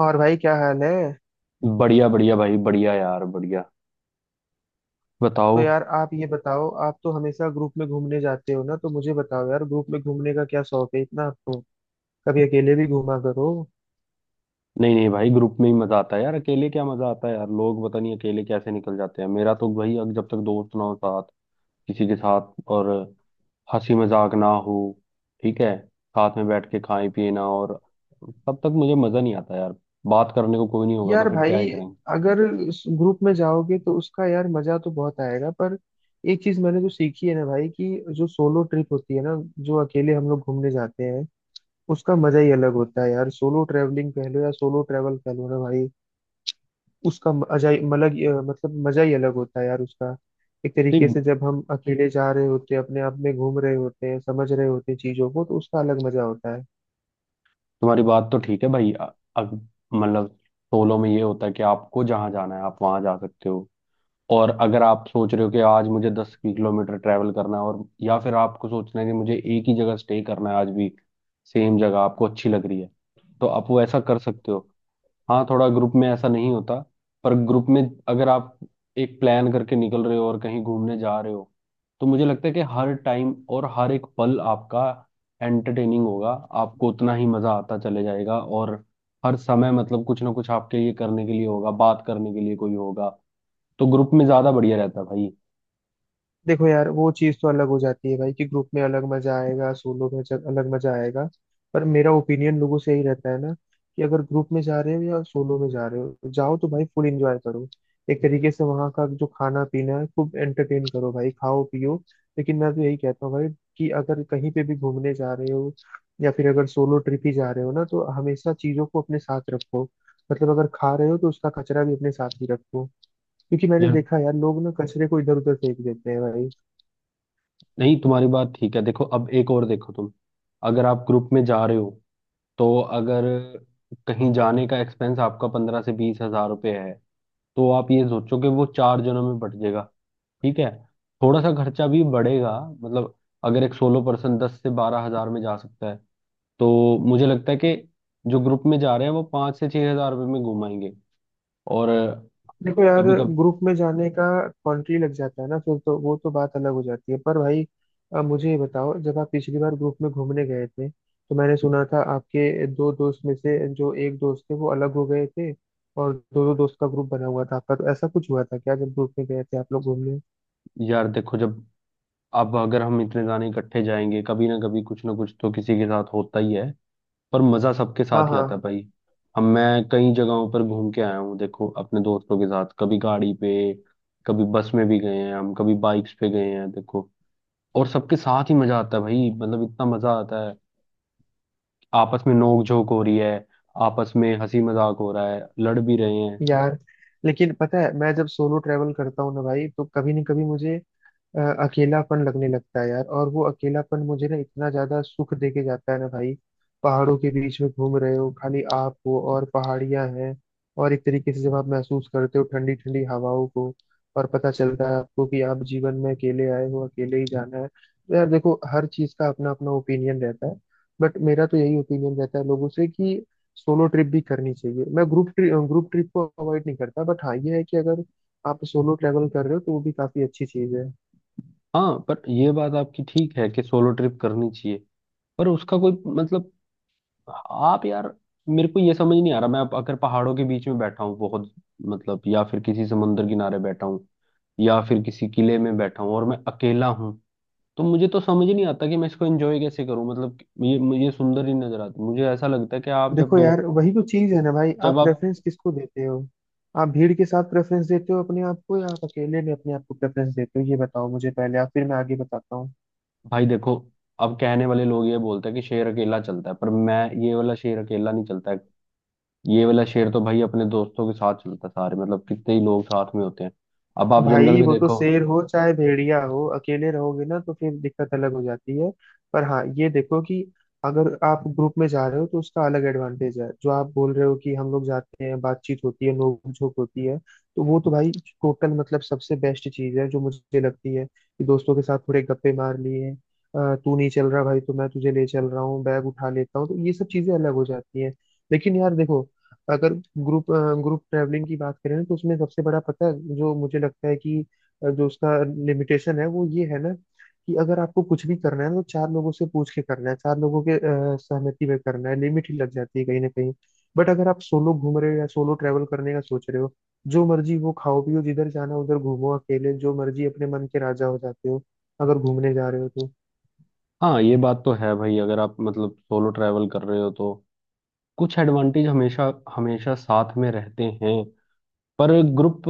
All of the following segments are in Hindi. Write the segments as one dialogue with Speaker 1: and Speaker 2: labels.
Speaker 1: और भाई क्या हाल है।
Speaker 2: बढ़िया बढ़िया भाई बढ़िया यार बढ़िया। बताओ।
Speaker 1: तो यार आप ये बताओ, आप तो हमेशा ग्रुप में घूमने जाते हो ना, तो मुझे बताओ यार, ग्रुप में घूमने का क्या शौक है इतना आपको। कभी अकेले भी घूमा करो।
Speaker 2: नहीं नहीं भाई, ग्रुप में ही मजा आता है यार। अकेले क्या मजा आता है यार। लोग पता नहीं अकेले कैसे निकल जाते हैं। मेरा तो भाई, अब जब तक दोस्त ना हो साथ, किसी के साथ, और हंसी मजाक ना हो, ठीक है, साथ में बैठ के खाए पिए ना, और, तब तक मुझे मजा नहीं आता यार। बात करने को कोई नहीं होगा तो
Speaker 1: यार
Speaker 2: फिर क्या
Speaker 1: भाई
Speaker 2: ही करेंगे।
Speaker 1: अगर ग्रुप में जाओगे तो उसका यार मजा तो बहुत आएगा, पर एक चीज मैंने जो सीखी है ना भाई, कि जो सोलो ट्रिप होती है ना, जो अकेले हम लोग घूमने जाते हैं, उसका मजा ही अलग होता है यार। सोलो ट्रेवलिंग कह लो या सोलो ट्रेवल कह लो ना भाई, उसका म- अजाई मलग मतलब मजा ही अलग होता है यार उसका। एक तरीके
Speaker 2: नहीं,
Speaker 1: से जब हम अकेले जा रहे होते हैं, अपने आप में घूम रहे होते हैं, समझ रहे होते हैं चीजों को, तो उसका अलग मजा होता है।
Speaker 2: तुम्हारी बात तो ठीक है भाई। अग- मतलब, सोलो में ये होता है कि आपको जहाँ जाना है आप वहां जा सकते हो। और अगर आप सोच रहे हो कि आज मुझे 10 किलोमीटर ट्रैवल करना है, और या फिर आपको सोचना है कि मुझे एक ही जगह स्टे करना है, आज भी सेम जगह आपको अच्छी लग रही है, तो आप वो ऐसा कर सकते हो। हाँ, थोड़ा ग्रुप में ऐसा नहीं होता। पर ग्रुप में, अगर आप एक प्लान करके निकल रहे हो और कहीं घूमने जा रहे हो, तो मुझे लगता है कि हर टाइम और हर एक पल आपका एंटरटेनिंग होगा। आपको उतना ही मजा आता चले जाएगा, और हर समय मतलब कुछ ना कुछ आपके लिए करने के लिए होगा, बात करने के लिए कोई होगा। तो ग्रुप में ज्यादा बढ़िया रहता भाई।
Speaker 1: देखो यार वो चीज तो अलग हो जाती है भाई, कि ग्रुप में अलग मजा आएगा, सोलो में जब अलग मजा आएगा। पर मेरा ओपिनियन लोगों से यही रहता है ना, कि अगर ग्रुप में जा रहे हो या सोलो में जा रहे हो, जाओ तो भाई फुल एंजॉय करो। एक तरीके से वहाँ का जो खाना पीना है खूब एंटरटेन करो भाई, खाओ पियो। लेकिन मैं तो यही कहता हूँ भाई, कि अगर कहीं पे भी घूमने जा रहे हो, या फिर अगर सोलो ट्रिप ही जा रहे हो ना, तो हमेशा चीजों को अपने साथ रखो। मतलब अगर खा रहे हो तो उसका कचरा भी अपने साथ ही रखो, क्योंकि मैंने
Speaker 2: यार,
Speaker 1: देखा यार लोग ना कचरे को इधर उधर फेंक देते हैं भाई।
Speaker 2: नहीं तुम्हारी बात ठीक है। देखो, अब एक और देखो तुम, अगर आप ग्रुप में जा रहे हो तो, अगर कहीं जाने का एक्सपेंस आपका 15 से 20 हज़ार रुपये है, तो आप ये सोचो कि वो चार जनों में बट जाएगा। ठीक है। थोड़ा सा खर्चा भी बढ़ेगा मतलब। अगर एक सोलो पर्सन 10 से 12 हज़ार में जा सकता है, तो मुझे लगता है कि जो ग्रुप में जा रहे हैं वो 5 से 6 हज़ार रुपये में घुमाएंगे। और
Speaker 1: देखो यार,
Speaker 2: कभी कभी,
Speaker 1: ग्रुप में जाने का कॉन्ट्री लग जाता है ना, फिर तो वो तो बात अलग हो जाती है। पर भाई मुझे ये बताओ, जब आप पिछली बार ग्रुप में घूमने गए थे, तो मैंने सुना था आपके दो दोस्त में से जो एक दोस्त थे वो अलग हो गए थे, और दो दो दोस्त का ग्रुप बना हुआ था आपका, तो ऐसा कुछ हुआ था क्या जब ग्रुप में गए थे आप लोग घूमने।
Speaker 2: यार देखो, जब अब अगर हम इतने जाने इकट्ठे जाएंगे, कभी ना कभी कुछ ना कुछ तो किसी के साथ होता ही है, पर मजा सबके
Speaker 1: हाँ
Speaker 2: साथ ही
Speaker 1: हाँ।
Speaker 2: आता है भाई। हम मैं कई जगहों पर घूम के आया हूँ देखो, अपने दोस्तों के साथ, कभी गाड़ी पे, कभी बस में भी गए हैं हम, कभी बाइक्स पे गए हैं देखो। और सबके साथ ही मजा आता है भाई, मतलब इतना मजा आता है। आपस में नोक झोंक हो रही है, आपस में हंसी मजाक हो रहा है, लड़ भी रहे हैं।
Speaker 1: यार लेकिन पता है मैं जब सोलो ट्रैवल करता हूँ ना भाई, तो कभी न कभी मुझे अ, अकेलापन लगने लगता है यार, और वो अकेलापन मुझे ना इतना ज्यादा सुख दे के जाता है ना भाई। पहाड़ों के बीच में घूम रहे हो, खाली आप हो और पहाड़ियां हैं, और एक तरीके से जब आप महसूस करते हो ठंडी ठंडी हवाओं को, और पता चलता है आपको कि आप जीवन में अकेले आए हो अकेले ही जाना है, तो यार देखो हर चीज का अपना अपना ओपिनियन रहता है। बट मेरा तो यही ओपिनियन रहता है लोगों से कि सोलो ट्रिप भी करनी चाहिए। मैं ग्रुप ट्रिप को अवॉइड नहीं करता, बट हाँ ये है कि अगर आप सोलो ट्रैवल कर रहे हो तो वो भी काफी अच्छी चीज है।
Speaker 2: हाँ, पर ये बात आपकी ठीक है कि सोलो ट्रिप करनी चाहिए, पर उसका कोई, मतलब, आप यार, मेरे को ये समझ नहीं आ रहा। मैं, अब अगर पहाड़ों के बीच में बैठा हूँ, बहुत, मतलब, या फिर किसी समुंदर किनारे बैठा हूँ, या फिर किसी किले में बैठा हूँ, और मैं अकेला हूँ, तो मुझे तो समझ ही नहीं आता कि मैं इसको एंजॉय कैसे करूँ, मतलब। ये मुझे सुंदर ही नजर आता। मुझे ऐसा लगता है कि आप जब
Speaker 1: देखो
Speaker 2: दोस्त
Speaker 1: यार वही तो चीज है ना भाई,
Speaker 2: जब
Speaker 1: आप
Speaker 2: आप
Speaker 1: प्रेफरेंस किसको देते हो। आप भीड़ के साथ प्रेफरेंस देते हो अपने आप को, या आप अकेले में अपने आप को प्रेफरेंस देते हो, ये बताओ मुझे पहले आप, फिर मैं आगे बताता हूँ।
Speaker 2: भाई देखो, अब कहने वाले लोग ये बोलते हैं कि शेर अकेला चलता है, पर मैं, ये वाला शेर अकेला नहीं चलता है। ये वाला शेर तो भाई अपने दोस्तों के साथ चलता है, सारे, मतलब कितने ही लोग साथ में होते हैं। अब आप जंगल
Speaker 1: भाई
Speaker 2: में
Speaker 1: वो तो
Speaker 2: देखो।
Speaker 1: शेर हो चाहे भेड़िया हो, अकेले रहोगे ना तो फिर दिक्कत अलग हो जाती है। पर हाँ ये देखो कि अगर आप ग्रुप में जा रहे हो तो उसका अलग एडवांटेज है, जो आप बोल रहे हो कि हम लोग जाते हैं बातचीत होती है नोक झोंक होती है, तो वो तो भाई टोटल मतलब सबसे बेस्ट चीज है, जो मुझे लगती है कि दोस्तों के साथ थोड़े गप्पे मार लिए, तू नहीं चल रहा भाई तो मैं तुझे ले चल रहा हूँ, बैग उठा लेता हूँ, तो ये सब चीजें अलग हो जाती हैं। लेकिन यार देखो, अगर ग्रुप ग्रुप ट्रैवलिंग की बात करें ना, तो उसमें सबसे बड़ा पता है जो मुझे लगता है कि जो उसका लिमिटेशन है वो ये है ना, कि अगर आपको कुछ भी करना है ना, तो चार लोगों से पूछ के करना है, चार लोगों के सहमति में करना है, लिमिट ही लग जाती है कहीं ना कहीं। बट अगर आप सोलो घूम रहे हो या सोलो ट्रैवल करने का सोच रहे हो, जो मर्जी वो खाओ पियो, जिधर जाना उधर घूमो अकेले, जो मर्जी अपने मन के राजा हो जाते हो अगर घूमने जा रहे हो तो।
Speaker 2: हाँ, ये बात तो है भाई, अगर आप मतलब सोलो ट्रैवल कर रहे हो तो कुछ एडवांटेज हमेशा, हमेशा साथ में रहते हैं। पर ग्रुप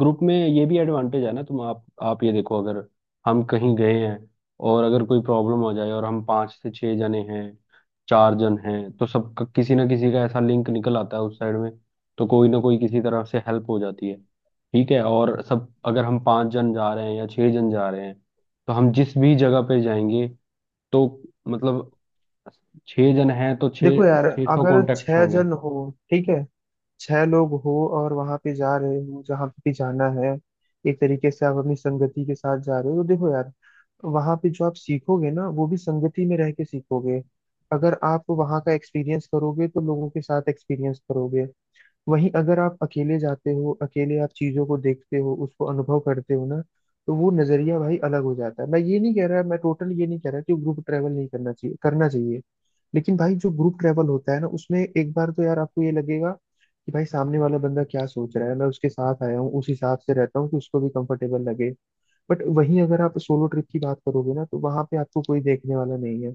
Speaker 2: ग्रुप में ये भी एडवांटेज है ना। तुम आप ये देखो, अगर हम कहीं गए हैं और अगर कोई प्रॉब्लम हो जाए, और हम 5 से 6 जने हैं, चार जन हैं, तो सबका किसी ना किसी का ऐसा लिंक निकल आता है उस साइड में, तो कोई ना कोई किसी तरह से हेल्प हो जाती है। ठीक है। और सब, अगर हम पाँच जन जा रहे हैं या छः जन जा रहे हैं, तो हम जिस भी जगह पे जाएंगे तो, मतलब, छह जन हैं तो छह,
Speaker 1: देखो यार
Speaker 2: 600
Speaker 1: अगर
Speaker 2: कॉन्टेक्ट
Speaker 1: छह
Speaker 2: होंगे।
Speaker 1: जन हो, ठीक है, छह लोग हो और वहां पे जा रहे हो जहाँ पे भी जाना है, एक तरीके से आप अपनी संगति के साथ जा रहे हो, तो देखो यार वहां पे जो आप सीखोगे ना वो भी संगति में रह के सीखोगे। अगर आप वहां का एक्सपीरियंस करोगे तो लोगों के साथ एक्सपीरियंस करोगे। वहीं अगर आप अकेले जाते हो, अकेले आप चीजों को देखते हो उसको अनुभव करते हो ना, तो वो नजरिया भाई अलग हो जाता है। मैं ये नहीं कह रहा, मैं टोटल ये नहीं कह रहा कि ग्रुप ट्रेवल नहीं करना चाहिए, करना चाहिए। लेकिन भाई जो ग्रुप ट्रेवल होता है ना, उसमें एक बार तो यार आपको ये लगेगा कि भाई सामने वाला बंदा क्या सोच रहा है, मैं उसके साथ आया हूँ उस हिसाब से रहता हूँ कि उसको भी कंफर्टेबल लगे। बट वहीं अगर आप सोलो ट्रिप की बात करोगे ना, तो वहां पे आपको कोई देखने वाला नहीं है।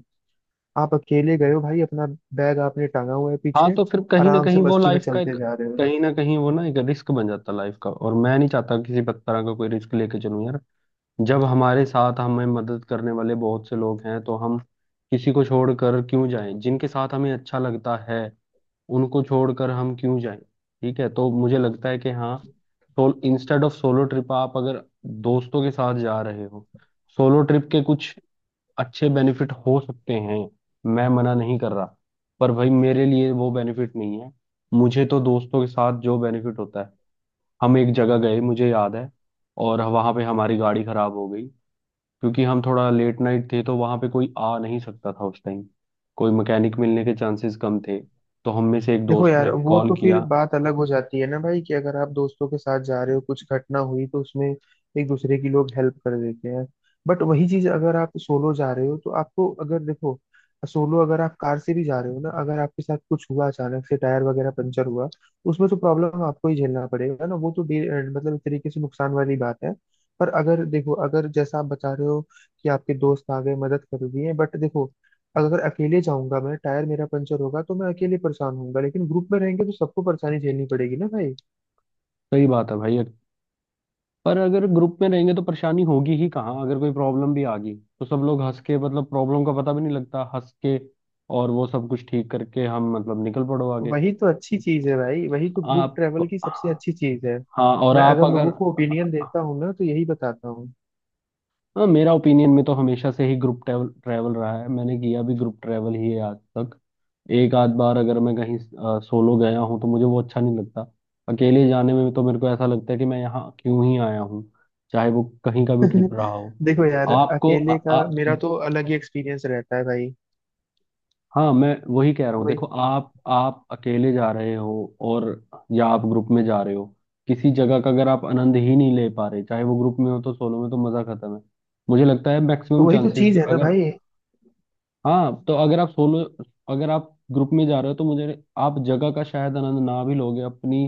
Speaker 1: आप अकेले गए हो भाई, अपना बैग आपने टांगा हुआ है
Speaker 2: हाँ
Speaker 1: पीछे,
Speaker 2: तो फिर कहीं ना
Speaker 1: आराम से
Speaker 2: कहीं वो
Speaker 1: मस्ती में
Speaker 2: लाइफ का एक,
Speaker 1: चलते जा रहे हो।
Speaker 2: कहीं ना कहीं वो ना एक रिस्क बन जाता लाइफ का। और मैं नहीं चाहता किसी भी तरह का कोई रिस्क लेके चलूं यार। जब हमारे साथ हमें मदद करने वाले बहुत से लोग हैं, तो हम किसी को छोड़कर क्यों जाएं? जिनके साथ हमें अच्छा लगता है उनको छोड़कर हम क्यों जाएं? ठीक है। तो मुझे लगता है कि, हाँ, सोल, इंस्टेड ऑफ सोलो ट्रिप, आप अगर दोस्तों के साथ जा रहे हो, सोलो ट्रिप के कुछ अच्छे बेनिफिट हो सकते हैं, मैं मना नहीं कर रहा, पर भाई, मेरे लिए वो बेनिफिट नहीं है। मुझे तो दोस्तों के साथ जो बेनिफिट होता है, हम एक जगह गए मुझे याद है, और वहां पे हमारी गाड़ी खराब हो गई, क्योंकि हम थोड़ा लेट नाइट थे तो वहां पे कोई आ नहीं सकता था उस टाइम, कोई मैकेनिक मिलने के चांसेस कम थे, तो हम में से एक
Speaker 1: देखो
Speaker 2: दोस्त
Speaker 1: यार
Speaker 2: ने
Speaker 1: वो
Speaker 2: कॉल
Speaker 1: तो फिर
Speaker 2: किया।
Speaker 1: बात अलग हो जाती है ना भाई, कि अगर आप दोस्तों के साथ जा रहे हो कुछ घटना हुई तो उसमें एक दूसरे की लोग हेल्प कर देते हैं। बट वही चीज अगर आप सोलो जा रहे हो तो आपको, अगर देखो, सोलो अगर आप कार से भी जा रहे हो ना, अगर आपके साथ कुछ हुआ अचानक से टायर वगैरह पंचर हुआ, उसमें तो प्रॉब्लम आपको ही झेलना पड़ेगा ना। वो तो मतलब एक तरीके से नुकसान वाली बात है। पर अगर देखो, अगर जैसा आप बता रहे हो कि आपके दोस्त आ गए मदद कर दिए, बट देखो अगर अकेले जाऊंगा मैं, टायर मेरा पंचर होगा तो मैं अकेले परेशान होऊंगा, लेकिन ग्रुप में रहेंगे तो सबको परेशानी झेलनी पड़ेगी ना भाई।
Speaker 2: सही बात है भाई। पर अगर ग्रुप में रहेंगे तो परेशानी होगी ही कहाँ? अगर कोई प्रॉब्लम भी आ गई तो सब लोग हंस के, मतलब, प्रॉब्लम का पता भी नहीं लगता हंस के, और वो सब कुछ ठीक करके हम, मतलब, निकल पड़ो आगे।
Speaker 1: वही तो अच्छी चीज है भाई, वही तो ग्रुप
Speaker 2: आप
Speaker 1: ट्रेवल की सबसे अच्छी चीज है।
Speaker 2: हाँ, और
Speaker 1: मैं
Speaker 2: आप
Speaker 1: अगर
Speaker 2: अगर
Speaker 1: लोगों को ओपिनियन देता हूँ ना, तो यही बताता हूँ।
Speaker 2: हाँ, मेरा ओपिनियन में तो हमेशा से ही ग्रुप ट्रैवल ट्रैवल रहा है, मैंने किया भी ग्रुप ट्रैवल ही है आज तक। एक आध बार अगर मैं कहीं सोलो गया हूँ तो मुझे वो अच्छा नहीं लगता। अकेले जाने में तो मेरे को ऐसा लगता है कि मैं यहाँ क्यों ही आया हूँ, चाहे वो कहीं का भी ट्रिप रहा हो।
Speaker 1: देखो यार
Speaker 2: आपको आ,
Speaker 1: अकेले का
Speaker 2: आ,
Speaker 1: मेरा तो अलग ही एक्सपीरियंस रहता है भाई।
Speaker 2: हाँ, मैं वही कह रहा
Speaker 1: तो
Speaker 2: हूँ।
Speaker 1: वही
Speaker 2: देखो, आप अकेले जा रहे हो और, या आप ग्रुप में जा रहे हो, किसी जगह का अगर आप आनंद ही नहीं ले पा रहे चाहे वो ग्रुप में हो, तो सोलो में तो मजा खत्म है। मुझे लगता है
Speaker 1: तो
Speaker 2: मैक्सिमम
Speaker 1: वही तो
Speaker 2: चांसेस,
Speaker 1: चीज है ना
Speaker 2: अगर,
Speaker 1: भाई।
Speaker 2: हाँ, तो अगर आप सोलो, अगर आप ग्रुप में जा रहे हो तो मुझे, आप जगह का शायद आनंद ना भी लोगे अपनी,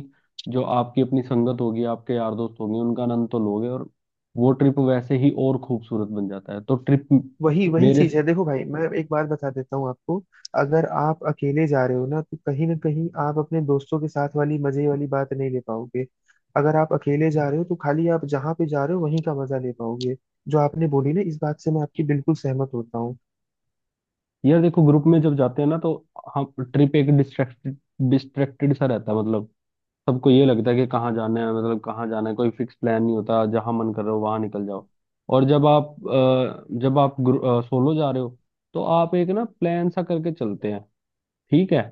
Speaker 2: जो आपकी अपनी संगत होगी आपके यार दोस्त होंगे उनका आनंद तो लोगे, और वो ट्रिप वैसे ही और खूबसूरत बन जाता है, तो ट्रिप।
Speaker 1: वही वही
Speaker 2: मेरे
Speaker 1: चीज है, देखो भाई मैं एक बात बता देता हूँ आपको। अगर आप अकेले जा रहे हो ना, तो कहीं ना कहीं आप अपने दोस्तों के साथ वाली मजे वाली बात नहीं ले पाओगे। अगर आप अकेले जा रहे हो तो खाली आप जहाँ पे जा रहे हो वहीं का मजा ले पाओगे। जो आपने बोली ना, इस बात से मैं आपकी बिल्कुल सहमत होता हूँ।
Speaker 2: यार देखो, ग्रुप में जब जाते हैं ना तो हम ट्रिप एक डिस्ट्रैक्टेड, डिस्ट्रैक्टेड सा रहता है, मतलब। सबको ये लगता है कि कहाँ जाना है, मतलब कहाँ जाना है, कोई फिक्स प्लान नहीं होता, जहाँ मन कर रहा हो वहाँ निकल जाओ। और जब आप सोलो जा रहे हो, तो आप एक ना प्लान सा करके चलते हैं। ठीक है।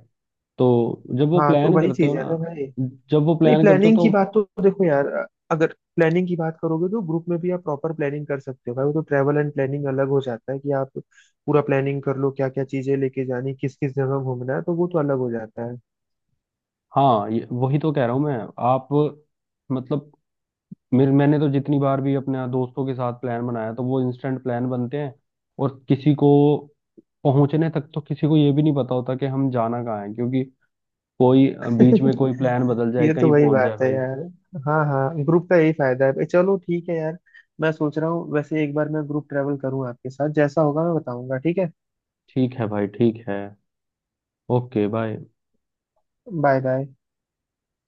Speaker 2: तो जब वो
Speaker 1: हाँ तो
Speaker 2: प्लान
Speaker 1: वही
Speaker 2: करते हो
Speaker 1: चीज है ना भाई।
Speaker 2: ना, जब वो
Speaker 1: नहीं,
Speaker 2: प्लान करते हो
Speaker 1: प्लानिंग की
Speaker 2: तो,
Speaker 1: बात तो देखो यार, अगर प्लानिंग की बात करोगे तो ग्रुप में भी आप प्रॉपर प्लानिंग कर सकते हो भाई, वो तो ट्रैवल एंड प्लानिंग अलग हो जाता है, कि आप पूरा प्लानिंग कर लो क्या क्या चीजें लेके जानी, किस किस जगह घूमना है, तो वो तो अलग हो जाता है।
Speaker 2: हाँ, ये, वही तो कह रहा हूँ मैं। आप, मतलब, मेरे मैंने तो जितनी बार भी अपने दोस्तों के साथ प्लान बनाया तो वो इंस्टेंट प्लान बनते हैं। और किसी को पहुंचने तक तो किसी को ये भी नहीं पता होता कि हम जाना कहाँ है, क्योंकि कोई बीच में कोई प्लान बदल जाए,
Speaker 1: ये तो
Speaker 2: कहीं
Speaker 1: वही
Speaker 2: पहुंच जाए
Speaker 1: बात है
Speaker 2: भाई।
Speaker 1: यार। हाँ हाँ, ग्रुप का यही फायदा है। चलो ठीक है यार, मैं सोच रहा हूँ वैसे एक बार मैं ग्रुप ट्रैवल करूँ आपके साथ, जैसा होगा मैं बताऊंगा, ठीक है।
Speaker 2: ठीक है भाई, ठीक है। Okay, bye.
Speaker 1: Bye bye.